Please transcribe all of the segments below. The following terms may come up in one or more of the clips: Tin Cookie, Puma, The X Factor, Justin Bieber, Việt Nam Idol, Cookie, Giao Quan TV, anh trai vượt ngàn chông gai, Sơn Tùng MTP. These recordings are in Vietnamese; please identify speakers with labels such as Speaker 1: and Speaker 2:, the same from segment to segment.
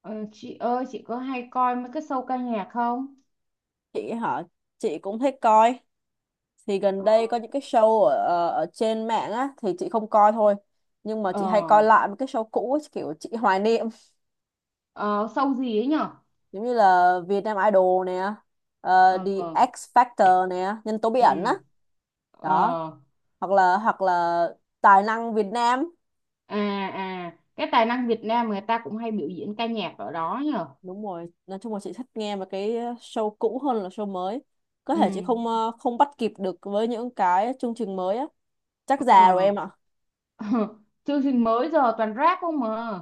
Speaker 1: Ờ, chị ơi chị có hay coi mấy cái show ca nhạc không?
Speaker 2: Chị hả? Chị cũng thích coi. Thì gần
Speaker 1: Ờ
Speaker 2: đây có những cái show ở ở ở trên mạng á thì chị không coi thôi, nhưng mà
Speaker 1: ờ
Speaker 2: chị hay coi lại một cái show cũ ấy, kiểu chị hoài niệm.
Speaker 1: ờ, Show gì ấy nhở?
Speaker 2: Giống như là Việt Nam Idol nè,
Speaker 1: Ờ
Speaker 2: The
Speaker 1: ờ,
Speaker 2: X Factor nè, nhân tố bí
Speaker 1: ừ
Speaker 2: ẩn á, đó.
Speaker 1: ờ
Speaker 2: Hoặc là tài năng Việt Nam.
Speaker 1: à cái tài năng Việt Nam người ta cũng hay biểu diễn ca nhạc ở đó nhở?
Speaker 2: Đúng rồi, nói chung là chị thích nghe mà cái show cũ hơn là show mới. Có
Speaker 1: Ừ
Speaker 2: thể chị không bắt kịp được với những cái chương trình mới á. Chắc già rồi
Speaker 1: ờ
Speaker 2: em ạ.
Speaker 1: chương trình mới giờ toàn rap không mà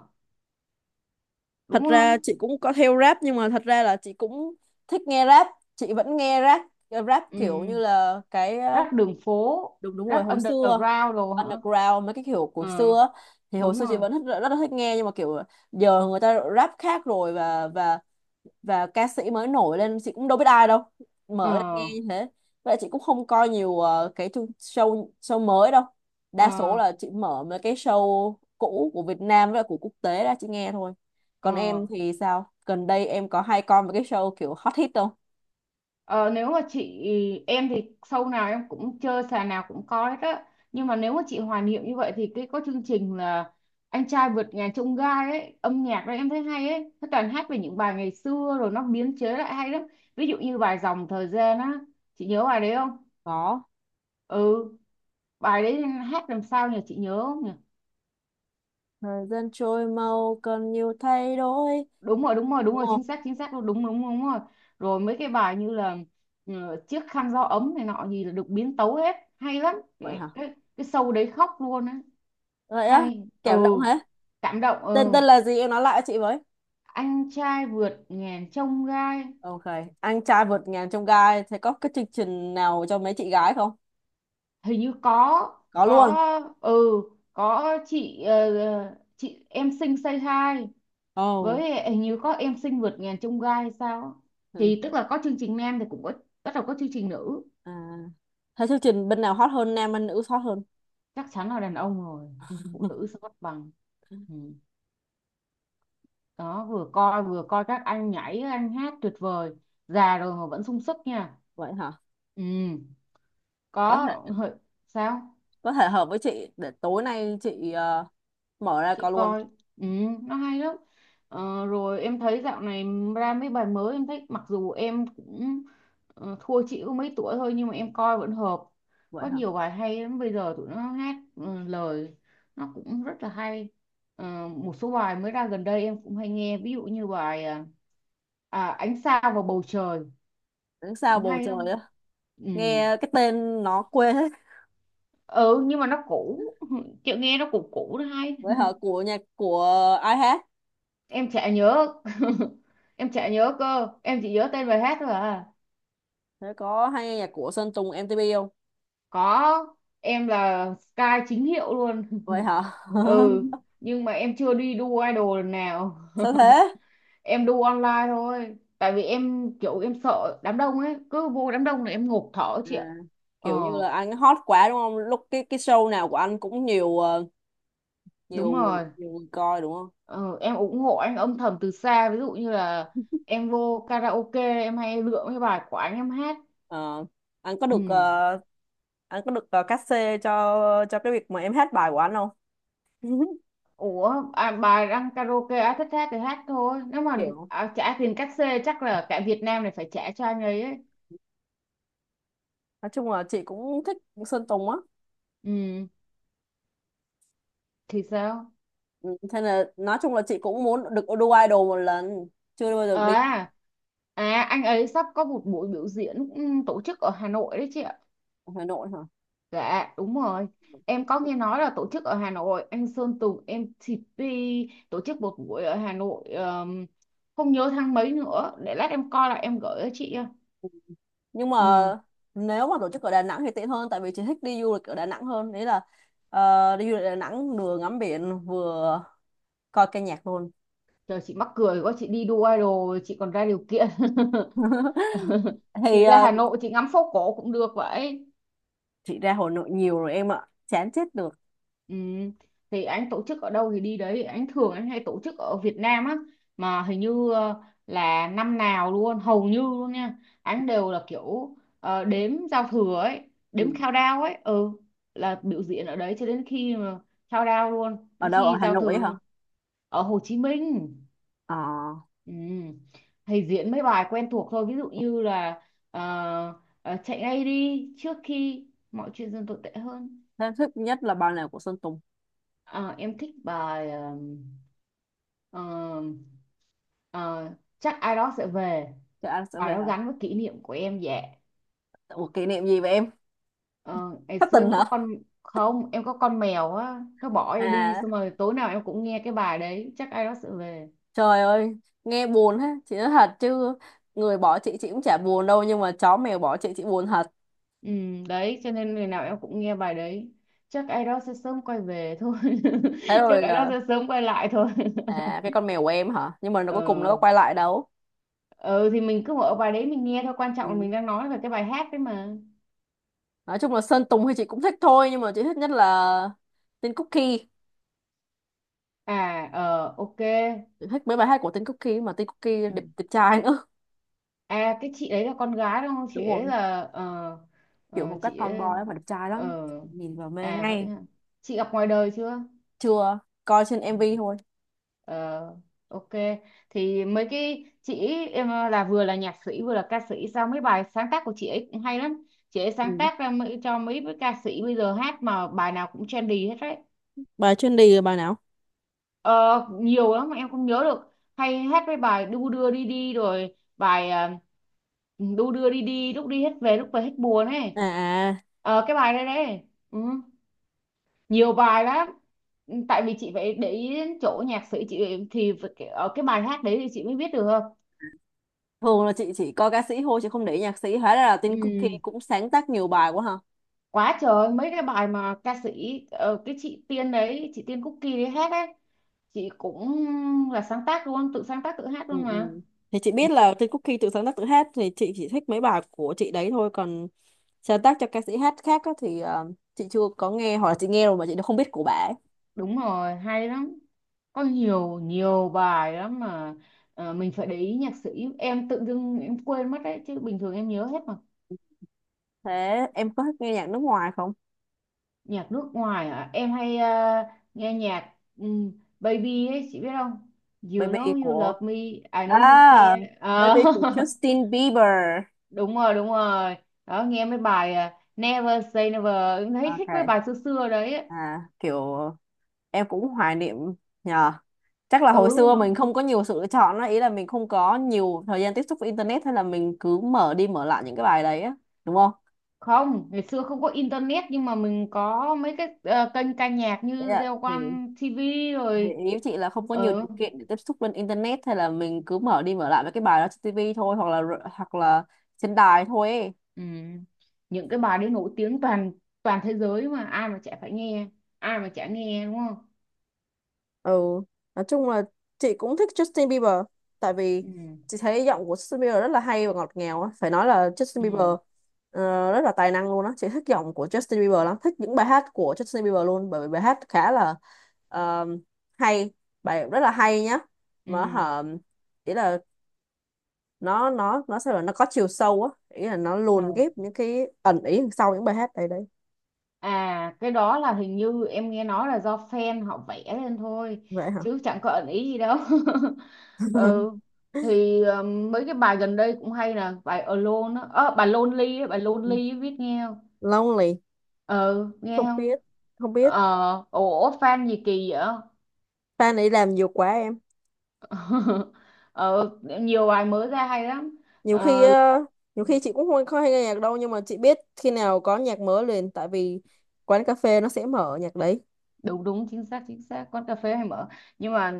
Speaker 2: Thật
Speaker 1: đúng
Speaker 2: ra
Speaker 1: không?
Speaker 2: chị cũng có theo rap, nhưng mà thật ra là chị cũng thích nghe rap, chị vẫn nghe rap. Rap kiểu như
Speaker 1: Ừ,
Speaker 2: là cái,
Speaker 1: rap đường phố,
Speaker 2: đúng, đúng rồi
Speaker 1: rap
Speaker 2: hồi xưa.
Speaker 1: underground đồ hả?
Speaker 2: Underground, mấy cái kiểu của
Speaker 1: Ờ,
Speaker 2: xưa á, thì hồi
Speaker 1: đúng
Speaker 2: xưa chị
Speaker 1: rồi.
Speaker 2: vẫn rất, rất là thích nghe nhưng mà kiểu giờ người ta rap khác rồi, và ca sĩ mới nổi lên chị cũng đâu biết ai đâu,
Speaker 1: Ờ
Speaker 2: mở lên nghe như thế. Vậy chị cũng không coi nhiều ờ, cái chương- show show mới đâu. Đa số
Speaker 1: ờ
Speaker 2: là chị mở mấy cái show cũ của Việt Nam với lại của quốc tế ra chị nghe thôi. Còn
Speaker 1: ờ
Speaker 2: em thì sao, gần đây em có hay coi mấy cái show kiểu hot hit không?
Speaker 1: Ờ, nếu mà chị Em thì show nào em cũng chơi, sàn nào cũng có hết á. Nhưng mà nếu mà chị hoài niệm như vậy thì cái có chương trình là anh trai vượt ngàn chông gai ấy, âm nhạc đó em thấy hay ấy, nó toàn hát về những bài ngày xưa rồi nó biến chế lại hay lắm. Ví dụ như bài dòng thời gian á, chị nhớ bài đấy không?
Speaker 2: Có.
Speaker 1: Ừ, bài đấy hát làm sao nhỉ, chị nhớ không nhỉ?
Speaker 2: Thời gian trôi mau cần nhiều thay đổi.
Speaker 1: Đúng rồi đúng rồi đúng
Speaker 2: Đúng.
Speaker 1: rồi, chính xác chính xác, đúng đúng đúng, đúng rồi. Rồi mấy cái bài như là ừ, chiếc khăn gió ấm này nọ gì là được biến tấu hết, hay lắm cái
Speaker 2: Vậy hả?
Speaker 1: cái show đấy, khóc luôn á.
Speaker 2: Vậy á?
Speaker 1: Hay. Ừ,
Speaker 2: Cảm động hả?
Speaker 1: cảm động. Ừ,
Speaker 2: Tên tên là gì em nói lại cho chị với.
Speaker 1: anh trai vượt ngàn chông gai.
Speaker 2: Ok, anh trai vượt ngàn chông gai. Thế có cái chương trình nào cho mấy chị gái không?
Speaker 1: Hình như có.
Speaker 2: Có luôn.
Speaker 1: Có. Ừ, có chị. Ờ, chị em xinh say hi,
Speaker 2: Ồ.
Speaker 1: với hình như có em xinh vượt ngàn chông gai hay sao á.
Speaker 2: Ừ.
Speaker 1: Thì tức là có chương trình nam thì cũng có, bắt đầu có chương trình nữ.
Speaker 2: À, thế chương trình bên nào hot hơn, nam hay nữ hot hơn?
Speaker 1: Chắc chắn là đàn ông rồi, phụ nữ sẽ mất bằng. Ừ. Đó, vừa coi các anh nhảy anh hát tuyệt vời, già rồi mà vẫn sung sức nha.
Speaker 2: Vậy hả?
Speaker 1: Ừ.
Speaker 2: có
Speaker 1: Có.
Speaker 2: thể
Speaker 1: hợi- Sao?
Speaker 2: có thể hợp với chị, để tối nay chị mở ra có
Speaker 1: Chị
Speaker 2: luôn.
Speaker 1: coi. Ừ, nó hay lắm. Ờ, rồi em thấy dạo này ra mấy bài mới em thích, mặc dù em cũng thua chị có mấy tuổi thôi nhưng mà em coi vẫn hợp.
Speaker 2: Vậy
Speaker 1: Có
Speaker 2: hả?
Speaker 1: nhiều bài hay lắm, bây giờ tụi nó hát lời nó cũng rất là hay. Ờ, một số bài mới ra gần đây em cũng hay nghe, ví dụ như bài ánh sao vào bầu trời,
Speaker 2: Đứng sao
Speaker 1: cũng
Speaker 2: bầu
Speaker 1: hay
Speaker 2: trời
Speaker 1: lắm.
Speaker 2: á?
Speaker 1: Ừ.
Speaker 2: Nghe cái tên nó quê hết.
Speaker 1: Ừ, nhưng mà nó cũ. Chị nghe nó cũ cũ nó hay.
Speaker 2: Vậy hả? Nhạc của ai hát?
Speaker 1: Em chả nhớ. Em chả nhớ cơ, em chỉ nhớ tên bài hát thôi à.
Speaker 2: Thế có hay nghe nhạc của Sơn Tùng MTP không?
Speaker 1: Có, em là Sky chính hiệu luôn.
Speaker 2: Vậy hả?
Speaker 1: Ừ, nhưng mà em chưa đi đu idol lần nào.
Speaker 2: sao thế?
Speaker 1: Em đu online thôi tại vì em kiểu em sợ đám đông ấy, cứ vô đám đông là em ngộp thở chị ạ.
Speaker 2: À,
Speaker 1: Ờ,
Speaker 2: kiểu như là anh hot quá đúng không? Lúc cái show nào của anh cũng nhiều ờ, nhiều
Speaker 1: đúng
Speaker 2: người,
Speaker 1: rồi.
Speaker 2: nhiều người coi đúng không?
Speaker 1: Ờ, em ủng hộ anh âm thầm từ xa, ví dụ như là em vô karaoke em hay lựa cái bài của anh em hát.
Speaker 2: Ờ, anh có được
Speaker 1: Ừ.
Speaker 2: ờ, anh có được cát xê cho cái việc mà em hát bài của anh không?
Speaker 1: Ủa, bà đang karaoke á, thích hát thì hát thôi. Nếu mà
Speaker 2: Kiểu
Speaker 1: trả tiền cát xê chắc là cả Việt Nam này phải trả cho anh ấy ấy.
Speaker 2: nói chung là chị cũng thích Sơn Tùng á.
Speaker 1: Ừ, thì sao?
Speaker 2: Ừ, thế là nói chung là chị cũng muốn được đu idol một lần, chưa bao giờ đi.
Speaker 1: À, anh ấy sắp có một buổi biểu diễn, tổ chức ở Hà Nội đấy chị ạ.
Speaker 2: Hà Nội hả?
Speaker 1: Dạ, đúng rồi. Em có nghe nói là tổ chức ở Hà Nội, anh Sơn Tùng em MTP tổ chức một buổi ở Hà Nội, không nhớ tháng mấy nữa. Để lát em coi là em gửi cho chị.
Speaker 2: Nhưng mà
Speaker 1: Ừ,
Speaker 2: nếu mà tổ chức ở Đà Nẵng thì tiện hơn, tại vì chị thích đi du lịch ở Đà Nẵng hơn. Đấy là đi du lịch Đà Nẵng vừa ngắm biển vừa coi ca nhạc luôn.
Speaker 1: trời chị mắc cười quá, chị đi đu idol chị còn ra điều kiện. Chị
Speaker 2: Thì
Speaker 1: ra Hà Nội chị ngắm phố cổ cũng được vậy.
Speaker 2: chị ra Hà Nội nhiều rồi em ạ, chán chết được.
Speaker 1: Ừ. Thì anh tổ chức ở đâu thì đi đấy, anh hay tổ chức ở Việt Nam á, mà hình như là năm nào luôn, hầu như luôn nha, anh đều là kiểu đếm giao thừa ấy,
Speaker 2: Ừ.
Speaker 1: đếm countdown ấy. Ừ, là biểu diễn ở đấy cho đến khi mà countdown luôn,
Speaker 2: Ở
Speaker 1: đến
Speaker 2: đâu, ở
Speaker 1: khi
Speaker 2: Hà
Speaker 1: giao thừa
Speaker 2: Nội hả?
Speaker 1: luôn. Ở Hồ Chí Minh.
Speaker 2: ờ
Speaker 1: Ừ. Thì diễn mấy bài quen thuộc thôi, ví dụ như là ờ, chạy ngay đi trước khi mọi chuyện dần tồi tệ hơn.
Speaker 2: em thích nhất là bài nào của Sơn Tùng?
Speaker 1: Ờ, em thích bài ờm, ờ, chắc ai đó sẽ về,
Speaker 2: Trời, anh sẽ
Speaker 1: bài
Speaker 2: về
Speaker 1: đó
Speaker 2: hả?
Speaker 1: gắn với kỷ niệm của em dạ.
Speaker 2: Ủa, kỷ niệm gì vậy em?
Speaker 1: Ờ, ngày
Speaker 2: Thất
Speaker 1: xưa
Speaker 2: tình
Speaker 1: em có
Speaker 2: hả?
Speaker 1: con. Không, em có con mèo á, nó bỏ em đi,
Speaker 2: À,
Speaker 1: xong rồi tối nào em cũng nghe cái bài đấy, chắc ai đó sẽ về.
Speaker 2: trời ơi, nghe buồn ha. Chị nói thật chứ, người bỏ chị cũng chả buồn đâu nhưng mà chó mèo bỏ chị buồn thật.
Speaker 1: Ừ, đấy cho nên ngày nào em cũng nghe bài đấy, chắc ai đó sẽ sớm quay về thôi.
Speaker 2: Thế rồi
Speaker 1: Chắc ai đó sẽ sớm quay lại thôi.
Speaker 2: à, cái con mèo của em hả, nhưng mà nó cuối cùng nó có
Speaker 1: Ờ,
Speaker 2: quay lại đâu.
Speaker 1: ừ, thì mình cứ mở bài đấy mình nghe thôi, quan trọng là
Speaker 2: Ừ.
Speaker 1: mình đang nói về cái bài hát đấy mà.
Speaker 2: Nói chung là Sơn Tùng thì chị cũng thích thôi nhưng mà chị thích nhất là tên Cookie.
Speaker 1: À, ờ, ok.
Speaker 2: Thích mấy bài hát của Tin Cookie mà Tin Cookie
Speaker 1: Ừ.
Speaker 2: đẹp, đẹp trai nữa.
Speaker 1: À cái chị ấy là con gái đúng không? Chị
Speaker 2: Đúng
Speaker 1: ấy
Speaker 2: rồi,
Speaker 1: là
Speaker 2: kiểu phong cách
Speaker 1: chị
Speaker 2: tomboy
Speaker 1: ấy
Speaker 2: ấy mà đẹp trai lắm,
Speaker 1: ờ,
Speaker 2: nhìn vào mê
Speaker 1: à vậy
Speaker 2: ngay.
Speaker 1: hả? Chị gặp ngoài đời chưa?
Speaker 2: Chưa, coi trên
Speaker 1: Ừ.
Speaker 2: MV thôi.
Speaker 1: Ờ, ok, thì mấy cái chị ấy, em là vừa là nhạc sĩ vừa là ca sĩ, sao mấy bài sáng tác của chị ấy cũng hay lắm. Chị ấy sáng
Speaker 2: Ừ.
Speaker 1: tác ra mấy, cho mấy cái ca sĩ bây giờ hát mà bài nào cũng trendy hết đấy.
Speaker 2: Bài chuyên đi là bài nào?
Speaker 1: Ờ, nhiều lắm mà em không nhớ được, hay hát mấy bài đu đưa đi đi, rồi bài đu đưa đi đi lúc đi hết về lúc về hết buồn ấy.
Speaker 2: À. À,
Speaker 1: Ờ, cái bài đây đấy đấy. Ừ, nhiều bài lắm. Ừ, tại vì chị phải để ý đến chỗ nhạc sĩ chị thì phải ở cái bài hát đấy thì chị mới biết được.
Speaker 2: thường là chị chỉ coi ca sĩ thôi chị không để ý nhạc sĩ, hóa ra là Tin Cookie
Speaker 1: Ừ.
Speaker 2: cũng sáng tác nhiều bài quá hả?
Speaker 1: Quá trời mấy cái bài mà ca sĩ cái chị Tiên đấy, chị Tiên Cookie đấy hát ấy, chị cũng là sáng tác luôn, tự sáng tác tự hát
Speaker 2: Ừ,
Speaker 1: luôn mà.
Speaker 2: ừ. Thì chị
Speaker 1: Ừ,
Speaker 2: biết là Tin Cookie tự sáng tác tự hát thì chị chỉ thích mấy bài của chị đấy thôi, còn sáng tác cho ca sĩ hát khác á, thì chị chưa có nghe hoặc là chị nghe rồi mà chị đã không biết của bà ấy.
Speaker 1: đúng rồi hay lắm, có nhiều nhiều bài lắm mà. Ờ, mình phải để ý nhạc sĩ, em tự dưng em quên mất đấy chứ bình thường em nhớ hết mà.
Speaker 2: Thế em có thích nghe nhạc nước ngoài không?
Speaker 1: Nhạc nước ngoài hả, em hay nghe nhạc Baby ấy chị biết không, You
Speaker 2: Baby
Speaker 1: know you
Speaker 2: của
Speaker 1: love me, I know you
Speaker 2: à,
Speaker 1: care. Ờ,
Speaker 2: birthday của Justin Bieber.
Speaker 1: đúng rồi đúng rồi, đó nghe mấy bài Never say never, em thấy
Speaker 2: Ok.
Speaker 1: thích mấy bài xưa xưa đấy ấy.
Speaker 2: À, kiểu em cũng hoài niệm, nhờ. Chắc là
Speaker 1: Ừ,
Speaker 2: hồi xưa mình không có nhiều sự lựa chọn á, ý là mình không có nhiều thời gian tiếp xúc với internet, hay là mình cứ mở đi mở lại những cái bài đấy á, đúng không?
Speaker 1: không, ngày xưa không có internet nhưng mà mình có mấy cái kênh ca nhạc
Speaker 2: Ý
Speaker 1: như
Speaker 2: là-
Speaker 1: Giao
Speaker 2: thì,
Speaker 1: Quan TV
Speaker 2: thì
Speaker 1: rồi.
Speaker 2: ý chị là không có nhiều điều
Speaker 1: Ờ,
Speaker 2: kiện để tiếp xúc lên internet, hay là mình cứ mở đi mở lại mấy cái bài đó trên TV thôi, hoặc là trên đài thôi ấy.
Speaker 1: ừ. Những cái bài đấy nổi tiếng toàn toàn thế giới mà, ai mà chả phải nghe, ai mà chả nghe đúng không?
Speaker 2: Ừ. Nói chung là chị cũng thích Justin Bieber, tại vì
Speaker 1: Ừ
Speaker 2: chị thấy giọng của Justin Bieber rất là hay và ngọt ngào á, phải nói là Justin Bieber
Speaker 1: ừ
Speaker 2: rất là tài năng luôn á. Chị thích giọng của Justin Bieber lắm, thích những bài hát của Justin Bieber luôn, bởi vì bài hát khá là ờ, hay, bài rất là hay nhá. Mà
Speaker 1: ừ.
Speaker 2: hả, ý là nó sao là nó có chiều sâu á, ý là nó
Speaker 1: À,
Speaker 2: luồn ghép những cái ẩn ý đằng sau những bài hát đấy đấy.
Speaker 1: à cái đó là hình như em nghe nói là do fan họ vẽ lên thôi,
Speaker 2: Vậy hả?
Speaker 1: chứ chẳng có ẩn ý gì đâu. Ừ, thì mấy cái bài gần đây cũng hay nè, bài Alone á. Ờ, bài Lonely á, biết nghe không?
Speaker 2: lonely,
Speaker 1: Ừ, nghe
Speaker 2: không
Speaker 1: không?
Speaker 2: biết, không biết.
Speaker 1: Ờ, ủa fan gì kỳ vậy.
Speaker 2: Fan ấy làm nhiều quá em.
Speaker 1: Ờ, nhiều bài mới ra hay lắm.
Speaker 2: nhiều khi
Speaker 1: Ờ,
Speaker 2: ờ, Nhiều khi chị cũng không không hay nghe nhạc đâu, nhưng mà chị biết khi nào có nhạc mới liền, tại vì quán cà phê nó sẽ mở nhạc đấy.
Speaker 1: đúng đúng chính xác chính xác, quán cà phê hay mở. Nhưng mà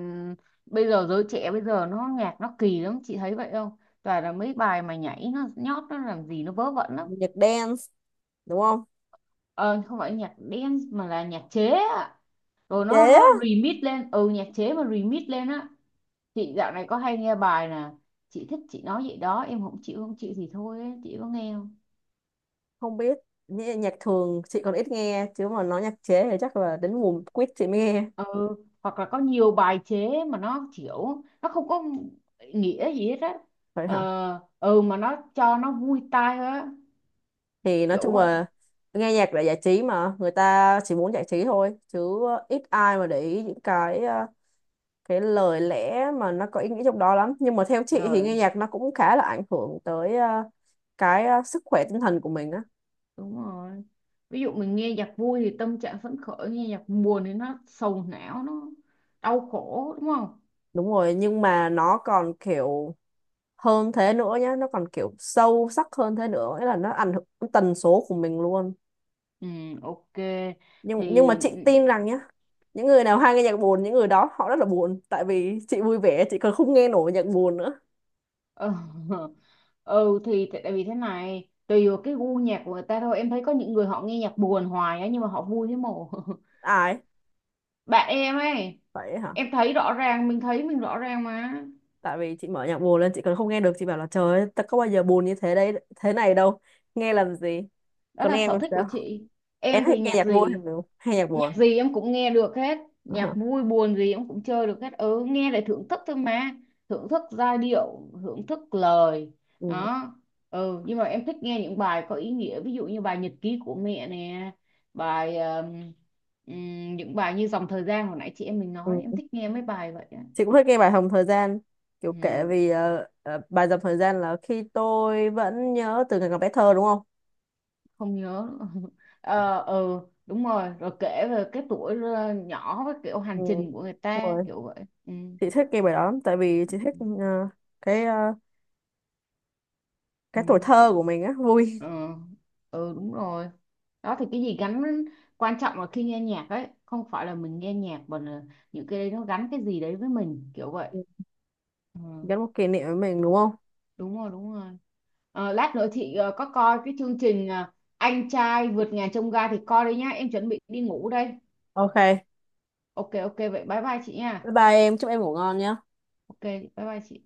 Speaker 1: bây giờ giới trẻ bây giờ nó nhạc nó kỳ lắm, chị thấy vậy không? Toàn là mấy bài mà nhảy nó nhót nó làm gì nó vớ vẩn lắm.
Speaker 2: Nhạc dance đúng không?
Speaker 1: Ờ, không phải nhạc dance mà là nhạc chế ạ, rồi
Speaker 2: Chế
Speaker 1: nó
Speaker 2: á?
Speaker 1: remix lên. Ừ, nhạc chế mà remix lên á. Chị dạo này có hay nghe bài nè, chị thích chị nói vậy đó, em không chịu không chịu thì thôi ấy. Chị có nghe.
Speaker 2: Không biết. Nhạc thường chị còn ít nghe, chứ mà nói nhạc chế thì chắc là đến mùa quýt chị mới nghe.
Speaker 1: Ừ, hoặc là có nhiều bài chế mà nó kiểu nó không có nghĩa gì hết á.
Speaker 2: Vậy hả?
Speaker 1: Ờ ừ, mà nó cho nó vui tai thôi á,
Speaker 2: Thì nói
Speaker 1: kiểu
Speaker 2: chung
Speaker 1: vậy.
Speaker 2: là nghe nhạc là giải trí, mà người ta chỉ muốn giải trí thôi chứ ít ai mà để ý những cái lời lẽ mà nó có ý nghĩa trong đó lắm. Nhưng mà theo chị thì
Speaker 1: Trời,
Speaker 2: nghe nhạc nó cũng khá là ảnh hưởng tới sức khỏe tinh thần của mình á.
Speaker 1: đúng rồi, ví dụ mình nghe nhạc vui thì tâm trạng phấn khởi, nghe nhạc buồn thì nó sầu não nó đau khổ đúng không?
Speaker 2: Đúng rồi, nhưng mà nó còn kiểu hơn thế nữa nhá, nó còn kiểu sâu sắc hơn thế nữa, nghĩa là nó ảnh hưởng đến tần số của mình luôn.
Speaker 1: Ừ, ok,
Speaker 2: Nhưng mà
Speaker 1: thì
Speaker 2: chị tin rằng nhá, những người nào hay nghe nhạc buồn những người đó họ rất là buồn, tại vì chị vui vẻ chị còn không nghe nổi nhạc buồn nữa.
Speaker 1: ừ, ừ thì tại tại vì thế này, tùy vào cái gu nhạc của người ta thôi, em thấy có những người họ nghe nhạc buồn hoài á nhưng mà họ vui thế mồ.
Speaker 2: Ai?
Speaker 1: Bạn em ấy.
Speaker 2: Vậy hả?
Speaker 1: Em thấy rõ ràng mình thấy, mình rõ ràng mà.
Speaker 2: Tại vì chị mở nhạc buồn lên chị còn không nghe được, chị bảo là trời ơi ta có bao giờ buồn như thế đấy thế này đâu, nghe làm gì.
Speaker 1: Đó
Speaker 2: Còn
Speaker 1: là
Speaker 2: em
Speaker 1: sở
Speaker 2: làm
Speaker 1: thích của
Speaker 2: sao,
Speaker 1: chị.
Speaker 2: em
Speaker 1: Em thì
Speaker 2: thích nghe
Speaker 1: nhạc
Speaker 2: nhạc vui
Speaker 1: gì,
Speaker 2: hay nhạc
Speaker 1: nhạc
Speaker 2: buồn?
Speaker 1: gì em cũng nghe được hết,
Speaker 2: Ờ hả?
Speaker 1: nhạc vui buồn gì em cũng chơi được hết, ừ nghe để thưởng thức thôi mà, thưởng thức giai điệu thưởng thức lời.
Speaker 2: Ừ.
Speaker 1: Đó. Ừ, nhưng mà em thích nghe những bài có ý nghĩa, ví dụ như bài nhật ký của mẹ nè, bài những bài như dòng thời gian hồi nãy chị em mình
Speaker 2: Ừ.
Speaker 1: nói, em thích nghe mấy bài vậy á.
Speaker 2: Chị cũng thích nghe bài Hồng Thời Gian, kiểu kể
Speaker 1: Ừ.
Speaker 2: vì bài Dòng Thời Gian là khi tôi vẫn nhớ từ ngày còn bé thơ đúng không.
Speaker 1: Không nhớ nữa. ờ ừ Đúng rồi, rồi kể về cái tuổi nhỏ với kiểu
Speaker 2: Ừ.
Speaker 1: hành trình của người
Speaker 2: Đúng
Speaker 1: ta
Speaker 2: rồi,
Speaker 1: kiểu vậy. Ừ
Speaker 2: chị thích nghe bài đó lắm, tại vì chị
Speaker 1: ừ
Speaker 2: thích ờ, cái ờ,
Speaker 1: ừ,
Speaker 2: cái tuổi
Speaker 1: cái,
Speaker 2: thơ của mình á, vui.
Speaker 1: ờ, ừ Đúng rồi. Đó thì cái gì gắn, quan trọng là khi nghe nhạc ấy không phải là mình nghe nhạc mà là những cái đấy nó gắn cái gì đấy với mình kiểu vậy.
Speaker 2: Ừ.
Speaker 1: Ừ,
Speaker 2: Gắn một kỷ niệm với mình đúng không?
Speaker 1: đúng rồi đúng rồi. Ờ, lát nữa chị có coi cái chương trình anh trai vượt ngàn chông gai thì coi đi nhá, em chuẩn bị đi ngủ đây.
Speaker 2: Ok,
Speaker 1: Ok ok, vậy bye bye chị nha.
Speaker 2: bye bye em, chúc em ngủ ngon nhé.
Speaker 1: Ok, bye bye chị.